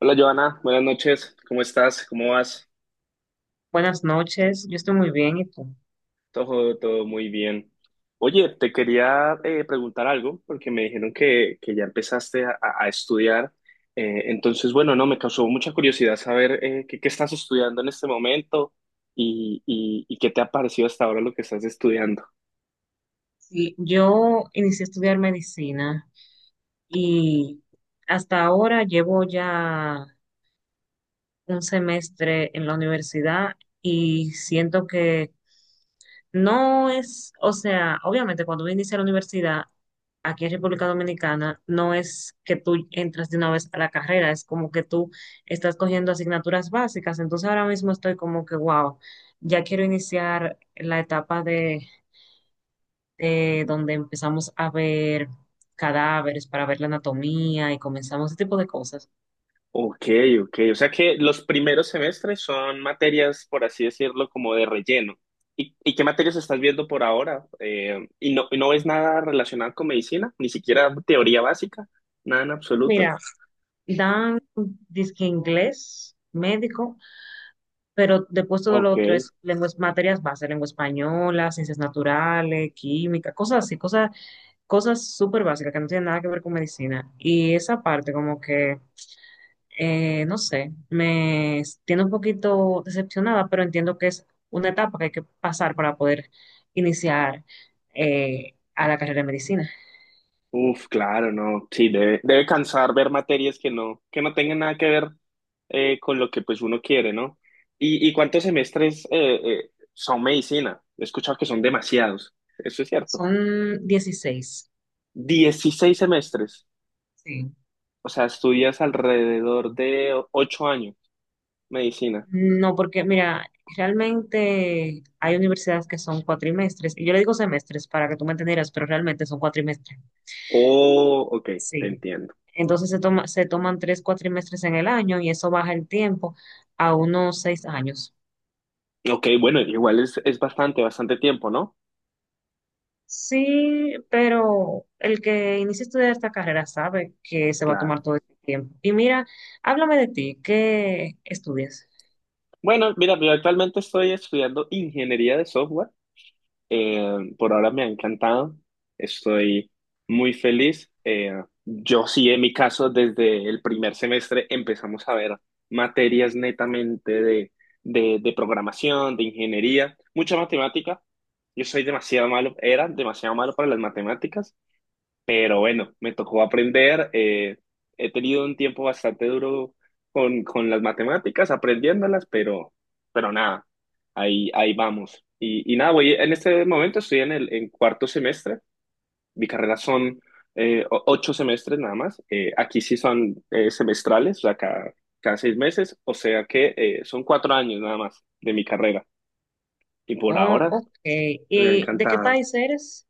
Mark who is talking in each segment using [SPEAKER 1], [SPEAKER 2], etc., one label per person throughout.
[SPEAKER 1] Hola Joana, buenas noches, ¿cómo estás? ¿Cómo vas?
[SPEAKER 2] Buenas noches, yo estoy muy bien, ¿y tú?
[SPEAKER 1] Todo muy bien. Oye, te quería preguntar algo porque me dijeron que ya empezaste a estudiar. Entonces, bueno, no, me causó mucha curiosidad saber qué estás estudiando en este momento y qué te ha parecido hasta ahora lo que estás estudiando.
[SPEAKER 2] Sí, yo inicié a estudiar medicina y hasta ahora llevo ya un semestre en la universidad y siento que no es, o sea, obviamente cuando uno inicia la universidad aquí en República Dominicana, no es que tú entras de una vez a la carrera, es como que tú estás cogiendo asignaturas básicas, entonces ahora mismo estoy como que, wow, ya quiero iniciar la etapa de donde empezamos a ver cadáveres para ver la anatomía y comenzamos ese tipo de cosas.
[SPEAKER 1] Ok, ok. O sea que los primeros semestres son materias, por así decirlo, como de relleno. ¿Y qué materias estás viendo por ahora? ¿Y no ves nada relacionado con medicina? ¿Ni siquiera teoría básica? Nada en absoluto.
[SPEAKER 2] Mira, dan disque inglés, médico, pero después todo lo
[SPEAKER 1] Ok.
[SPEAKER 2] otro es lenguas, materias básicas lengua española, ciencias naturales, química, cosas así, cosas súper básicas que no tienen nada que ver con medicina. Y esa parte como que no sé, me tiene un poquito decepcionada, pero entiendo que es una etapa que hay que pasar para poder iniciar a la carrera de medicina.
[SPEAKER 1] Uf, claro, no. Sí, debe cansar ver materias que no tengan nada que ver con lo que pues uno quiere, ¿no? ¿Y cuántos semestres son medicina? He escuchado que son demasiados. Eso es cierto.
[SPEAKER 2] Son 16.
[SPEAKER 1] 16 semestres.
[SPEAKER 2] Sí.
[SPEAKER 1] O sea, estudias alrededor de ocho años medicina.
[SPEAKER 2] No, porque mira, realmente hay universidades que son cuatrimestres, y yo le digo semestres para que tú me entendieras, pero realmente son cuatrimestres.
[SPEAKER 1] Oh, ok, te
[SPEAKER 2] Sí.
[SPEAKER 1] entiendo.
[SPEAKER 2] Entonces se toman tres cuatrimestres en el año y eso baja el tiempo a unos seis años.
[SPEAKER 1] Ok, bueno, igual es bastante, bastante tiempo, ¿no?
[SPEAKER 2] Sí, pero el que inicia a estudiar esta carrera sabe que se va a
[SPEAKER 1] Claro.
[SPEAKER 2] tomar todo este tiempo. Y mira, háblame de ti, ¿qué estudias?
[SPEAKER 1] Bueno, mira, yo actualmente estoy estudiando ingeniería de software. Por ahora me ha encantado, estoy muy feliz. Yo sí, en mi caso, desde el primer semestre empezamos a ver materias netamente de programación, de ingeniería, mucha matemática. Yo soy demasiado malo, era demasiado malo para las matemáticas. Pero bueno, me tocó aprender. He tenido un tiempo bastante duro con las matemáticas, aprendiéndolas, pero, nada, ahí vamos. Y nada, voy, en este momento estoy en cuarto semestre. Mi carrera son 8 semestres nada más. Aquí sí son semestrales, o sea, cada 6 meses, o sea que son 4 años nada más de mi carrera. Y por
[SPEAKER 2] Oh,
[SPEAKER 1] ahora,
[SPEAKER 2] ok.
[SPEAKER 1] me ha
[SPEAKER 2] ¿Y de qué
[SPEAKER 1] encantado.
[SPEAKER 2] país eres?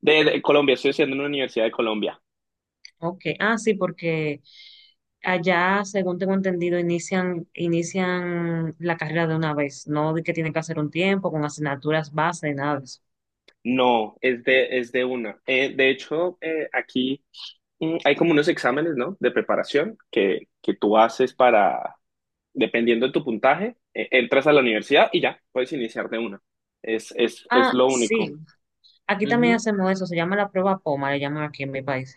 [SPEAKER 1] De Colombia, estoy haciendo en una universidad de Colombia.
[SPEAKER 2] Ok. Ah, sí, porque allá, según tengo entendido, inician la carrera de una vez, no de que tienen que hacer un tiempo con asignaturas base, nada de eso.
[SPEAKER 1] No, es de una. De hecho, aquí hay como unos exámenes, ¿no? De preparación que tú haces para, dependiendo de tu puntaje, entras a la universidad y ya, puedes iniciar de una. Es
[SPEAKER 2] Ah,
[SPEAKER 1] lo
[SPEAKER 2] sí.
[SPEAKER 1] único.
[SPEAKER 2] Aquí también
[SPEAKER 1] Ujú.
[SPEAKER 2] hacemos eso, se llama la prueba POMA, le llaman aquí en mi país.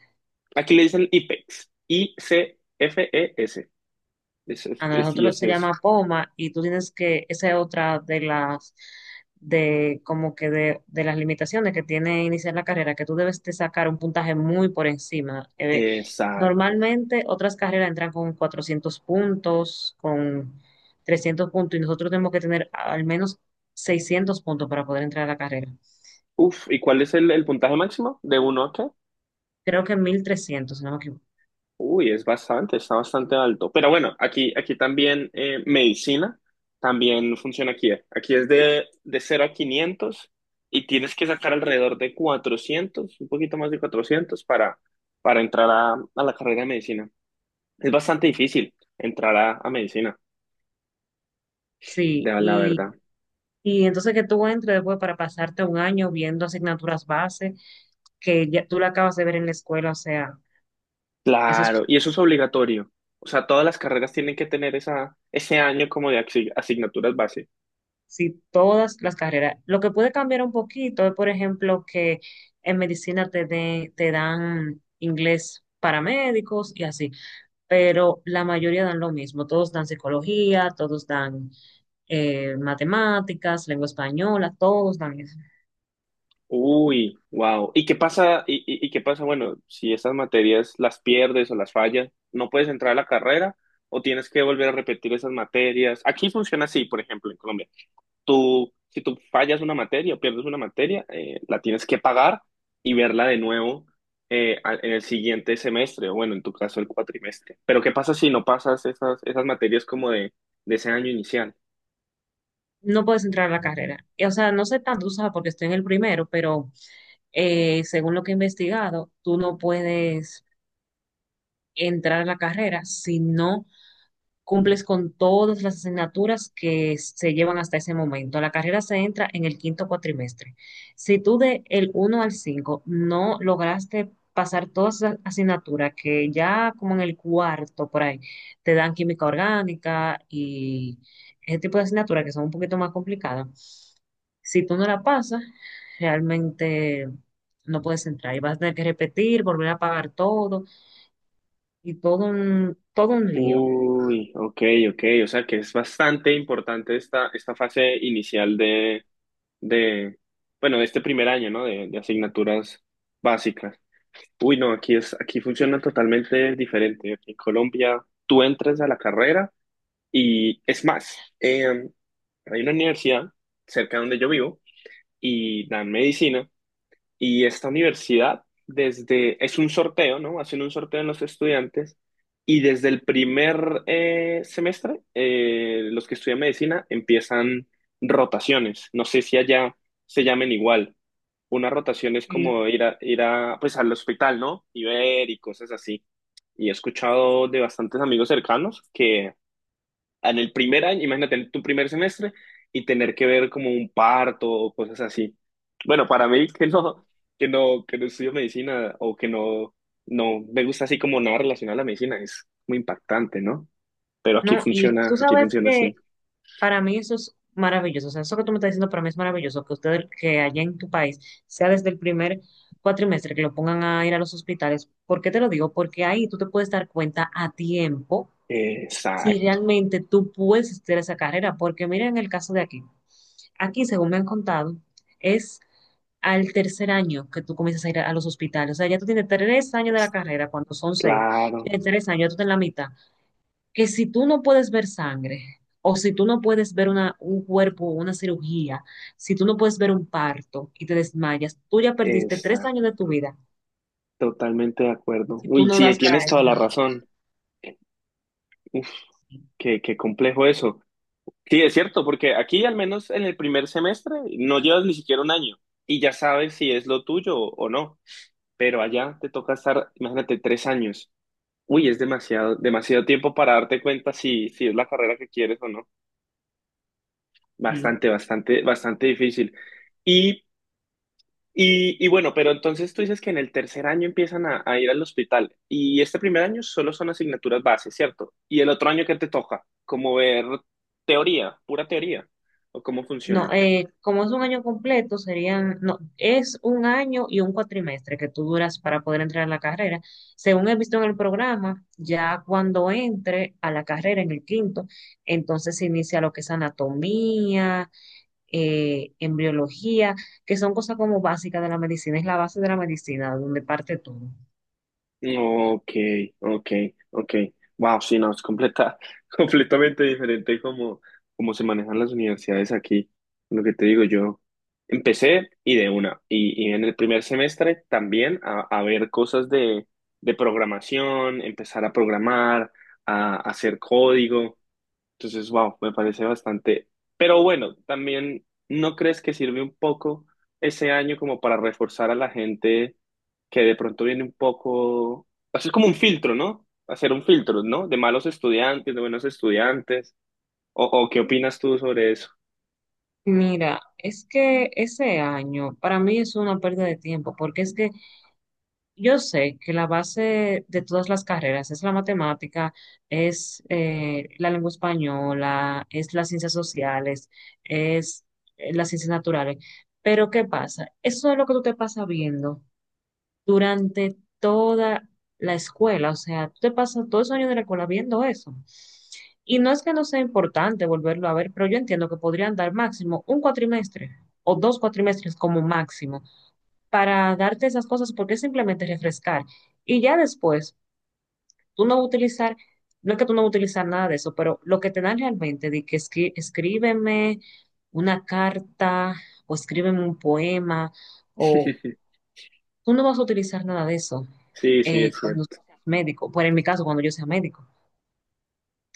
[SPEAKER 1] Aquí le dicen IPEX. ICFES. Es, es,
[SPEAKER 2] A
[SPEAKER 1] es- y
[SPEAKER 2] nosotros
[SPEAKER 1] es
[SPEAKER 2] se
[SPEAKER 1] eso.
[SPEAKER 2] llama poma y tú tienes que, esa es otra de las, de de las limitaciones que tiene iniciar la carrera, que tú debes de sacar un puntaje muy por encima.
[SPEAKER 1] Exacto.
[SPEAKER 2] Normalmente otras carreras entran con 400 puntos, con 300 puntos y nosotros tenemos que tener al menos 600 puntos para poder entrar a la carrera.
[SPEAKER 1] Uf, ¿y cuál es el puntaje máximo? ¿De uno a qué?
[SPEAKER 2] Creo que 1300, si no me equivoco.
[SPEAKER 1] Uy, es bastante, está bastante alto. Pero bueno, aquí, también medicina también funciona aquí. Aquí es de 0 a 500 y tienes que sacar alrededor de 400, un poquito más de 400 para entrar a la carrera de medicina. Es bastante difícil entrar a medicina,
[SPEAKER 2] Sí,
[SPEAKER 1] de la
[SPEAKER 2] y
[SPEAKER 1] verdad.
[SPEAKER 2] Y entonces que tú entres después para pasarte un año viendo asignaturas base que ya tú la acabas de ver en la escuela, o sea, eso es
[SPEAKER 1] Claro, y eso es obligatorio. O sea, todas las carreras tienen que tener esa, ese año como de asignaturas.
[SPEAKER 2] sí, todas las carreras. Lo que puede cambiar un poquito es, por ejemplo, que en medicina te dan inglés para médicos y así, pero la mayoría dan lo mismo, todos dan psicología, todos dan matemáticas, lengua española, todos dan eso.
[SPEAKER 1] Uy, wow. ¿Y qué pasa? ¿Y qué pasa? Bueno, si esas materias las pierdes o las fallas, ¿no puedes entrar a la carrera o tienes que volver a repetir esas materias? Aquí funciona así, por ejemplo, en Colombia. Si tú fallas una materia o pierdes una materia, la tienes que pagar y verla de nuevo en el siguiente semestre, o bueno, en tu caso el cuatrimestre. Pero ¿qué pasa si no pasas esas, materias como de ese año inicial?
[SPEAKER 2] No puedes entrar a la carrera. Y, o sea, no sé tanto, tú sabes, porque estoy en el primero, pero según lo que he investigado, tú no puedes entrar a la carrera si no cumples con todas las asignaturas que se llevan hasta ese momento. La carrera se entra en el quinto cuatrimestre. Si tú de el uno al 5 no lograste pasar todas las asignaturas que ya como en el cuarto por ahí te dan química orgánica y ese tipo de asignaturas que son un poquito más complicadas, si tú no la pasas, realmente no puedes entrar y vas a tener que repetir, volver a pagar todo y todo un lío.
[SPEAKER 1] Uy, ok, ok, o sea que es bastante importante esta, fase inicial de, bueno, de este primer año, ¿no? De asignaturas básicas. Uy, no, aquí funciona totalmente diferente. Aquí en Colombia tú entras a la carrera y es más, hay una universidad cerca de donde yo vivo y dan medicina y esta universidad, es un sorteo, ¿no? Hacen un sorteo en los estudiantes y desde el primer semestre, los que estudian medicina empiezan rotaciones. No sé si allá se llamen igual. Una rotación es como ir a, pues al hospital, ¿no? Y ver y cosas así. Y he escuchado de bastantes amigos cercanos que en el primer año, imagínate, en tu primer semestre y tener que ver como un parto o cosas así. Bueno, para mí que no estudio medicina o que no me gusta así como nada relacionado a la medicina, es muy impactante, ¿no? Pero aquí
[SPEAKER 2] No, y
[SPEAKER 1] funciona,
[SPEAKER 2] tú
[SPEAKER 1] aquí
[SPEAKER 2] sabes
[SPEAKER 1] funciona
[SPEAKER 2] que
[SPEAKER 1] así.
[SPEAKER 2] para mí eso es maravilloso. O sea, eso que tú me estás diciendo para mí es maravilloso, que ustedes, que allá en tu país, sea desde el primer cuatrimestre que lo pongan a ir a los hospitales. ¿Por qué te lo digo? Porque ahí tú te puedes dar cuenta a tiempo si
[SPEAKER 1] Exacto,
[SPEAKER 2] realmente tú puedes hacer esa carrera. Porque mira en el caso de aquí. Aquí, según me han contado, es al tercer año que tú comienzas a ir a los hospitales. O sea, ya tú tienes tres años de la carrera, cuando son seis,
[SPEAKER 1] claro,
[SPEAKER 2] tienes tres años, tú estás en la mitad que si tú no puedes ver sangre, o si tú no puedes ver un cuerpo, una cirugía, si tú no puedes ver un parto y te desmayas, tú ya perdiste tres
[SPEAKER 1] exacto,
[SPEAKER 2] años de tu vida
[SPEAKER 1] totalmente de acuerdo.
[SPEAKER 2] si tú
[SPEAKER 1] Uy,
[SPEAKER 2] no
[SPEAKER 1] sí,
[SPEAKER 2] das para
[SPEAKER 1] tienes
[SPEAKER 2] eso
[SPEAKER 1] toda la
[SPEAKER 2] realmente.
[SPEAKER 1] razón. Uf, qué complejo eso. Sí, es cierto, porque aquí al menos en el primer semestre no llevas ni siquiera un año y ya sabes si es lo tuyo o no, pero allá te toca estar, imagínate, 3 años. Uy, es demasiado, demasiado tiempo para darte cuenta si, es la carrera que quieres o no.
[SPEAKER 2] Sí.
[SPEAKER 1] Bastante, bastante, bastante difícil. Y, y bueno, pero entonces tú dices que en el tercer año empiezan a ir al hospital y este primer año solo son asignaturas base, ¿cierto? Y el otro año que te toca, como ver teoría, pura teoría, o cómo
[SPEAKER 2] No,
[SPEAKER 1] funciona.
[SPEAKER 2] como es un año completo, serían, no, es un año y un cuatrimestre que tú duras para poder entrar a la carrera. Según he visto en el programa, ya cuando entre a la carrera en el quinto, entonces se inicia lo que es anatomía, embriología, que son cosas como básicas de la medicina, es la base de la medicina, donde parte todo.
[SPEAKER 1] Ok, ok, ok. Wow, sí, no, es completamente diferente como, se manejan las universidades aquí. Lo que te digo, yo empecé y de una. Y en el primer semestre también a, ver cosas de programación, empezar a programar, a hacer código. Entonces, wow, me parece bastante. Pero bueno, también, ¿no crees que sirve un poco ese año como para reforzar a la gente? Que de pronto viene un poco, hacer como un filtro, ¿no? Hacer un filtro, ¿no? De malos estudiantes, de buenos estudiantes. ¿O qué opinas tú sobre eso?
[SPEAKER 2] Mira, es que ese año para mí es una pérdida de tiempo, porque es que yo sé que la base de todas las carreras es la matemática, es la lengua española, es las ciencias sociales, es las ciencias naturales. Pero ¿qué pasa? Eso es lo que tú te pasas viendo durante toda la escuela. O sea, tú te pasas todos esos años de la escuela viendo eso. Y no es que no sea importante volverlo a ver, pero yo entiendo que podrían dar máximo un cuatrimestre o dos cuatrimestres como máximo para darte esas cosas porque es simplemente refrescar. Y ya después, tú no vas a utilizar, no es que tú no vas a utilizar nada de eso, pero lo que te dan realmente de que escríbeme una carta o escríbeme un poema o tú no vas a utilizar nada de eso
[SPEAKER 1] Sí, sí, es
[SPEAKER 2] cuando
[SPEAKER 1] cierto.
[SPEAKER 2] tú seas médico. Bueno, en mi caso, cuando yo sea médico.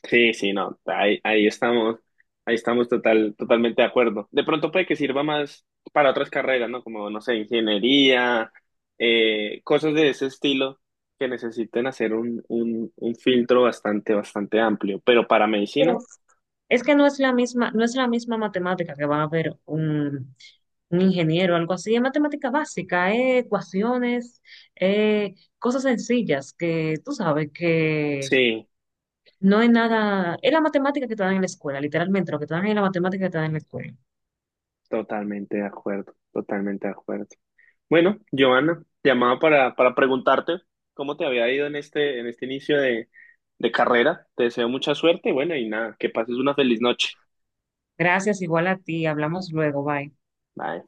[SPEAKER 1] Sí, sí, no, ahí, estamos, ahí estamos totalmente de acuerdo. De pronto puede que sirva más para otras carreras, ¿no? Como, no sé, ingeniería, cosas de ese estilo que necesiten hacer un, filtro bastante, bastante amplio. Pero para
[SPEAKER 2] Pero
[SPEAKER 1] medicina,
[SPEAKER 2] es que no es la misma, no es la misma matemática que va a ver un ingeniero o algo así. Es matemática básica, ecuaciones, cosas sencillas que tú sabes que
[SPEAKER 1] sí,
[SPEAKER 2] no es nada. Es la matemática que te dan en la escuela, literalmente. Lo que te dan es la matemática que te dan en la escuela.
[SPEAKER 1] totalmente de acuerdo, totalmente de acuerdo. Bueno, Giovanna, te llamaba para, preguntarte cómo te había ido en este, inicio de carrera. Te deseo mucha suerte, bueno, y nada, que pases una feliz noche.
[SPEAKER 2] Gracias, igual a ti. Hablamos luego. Bye.
[SPEAKER 1] Bye.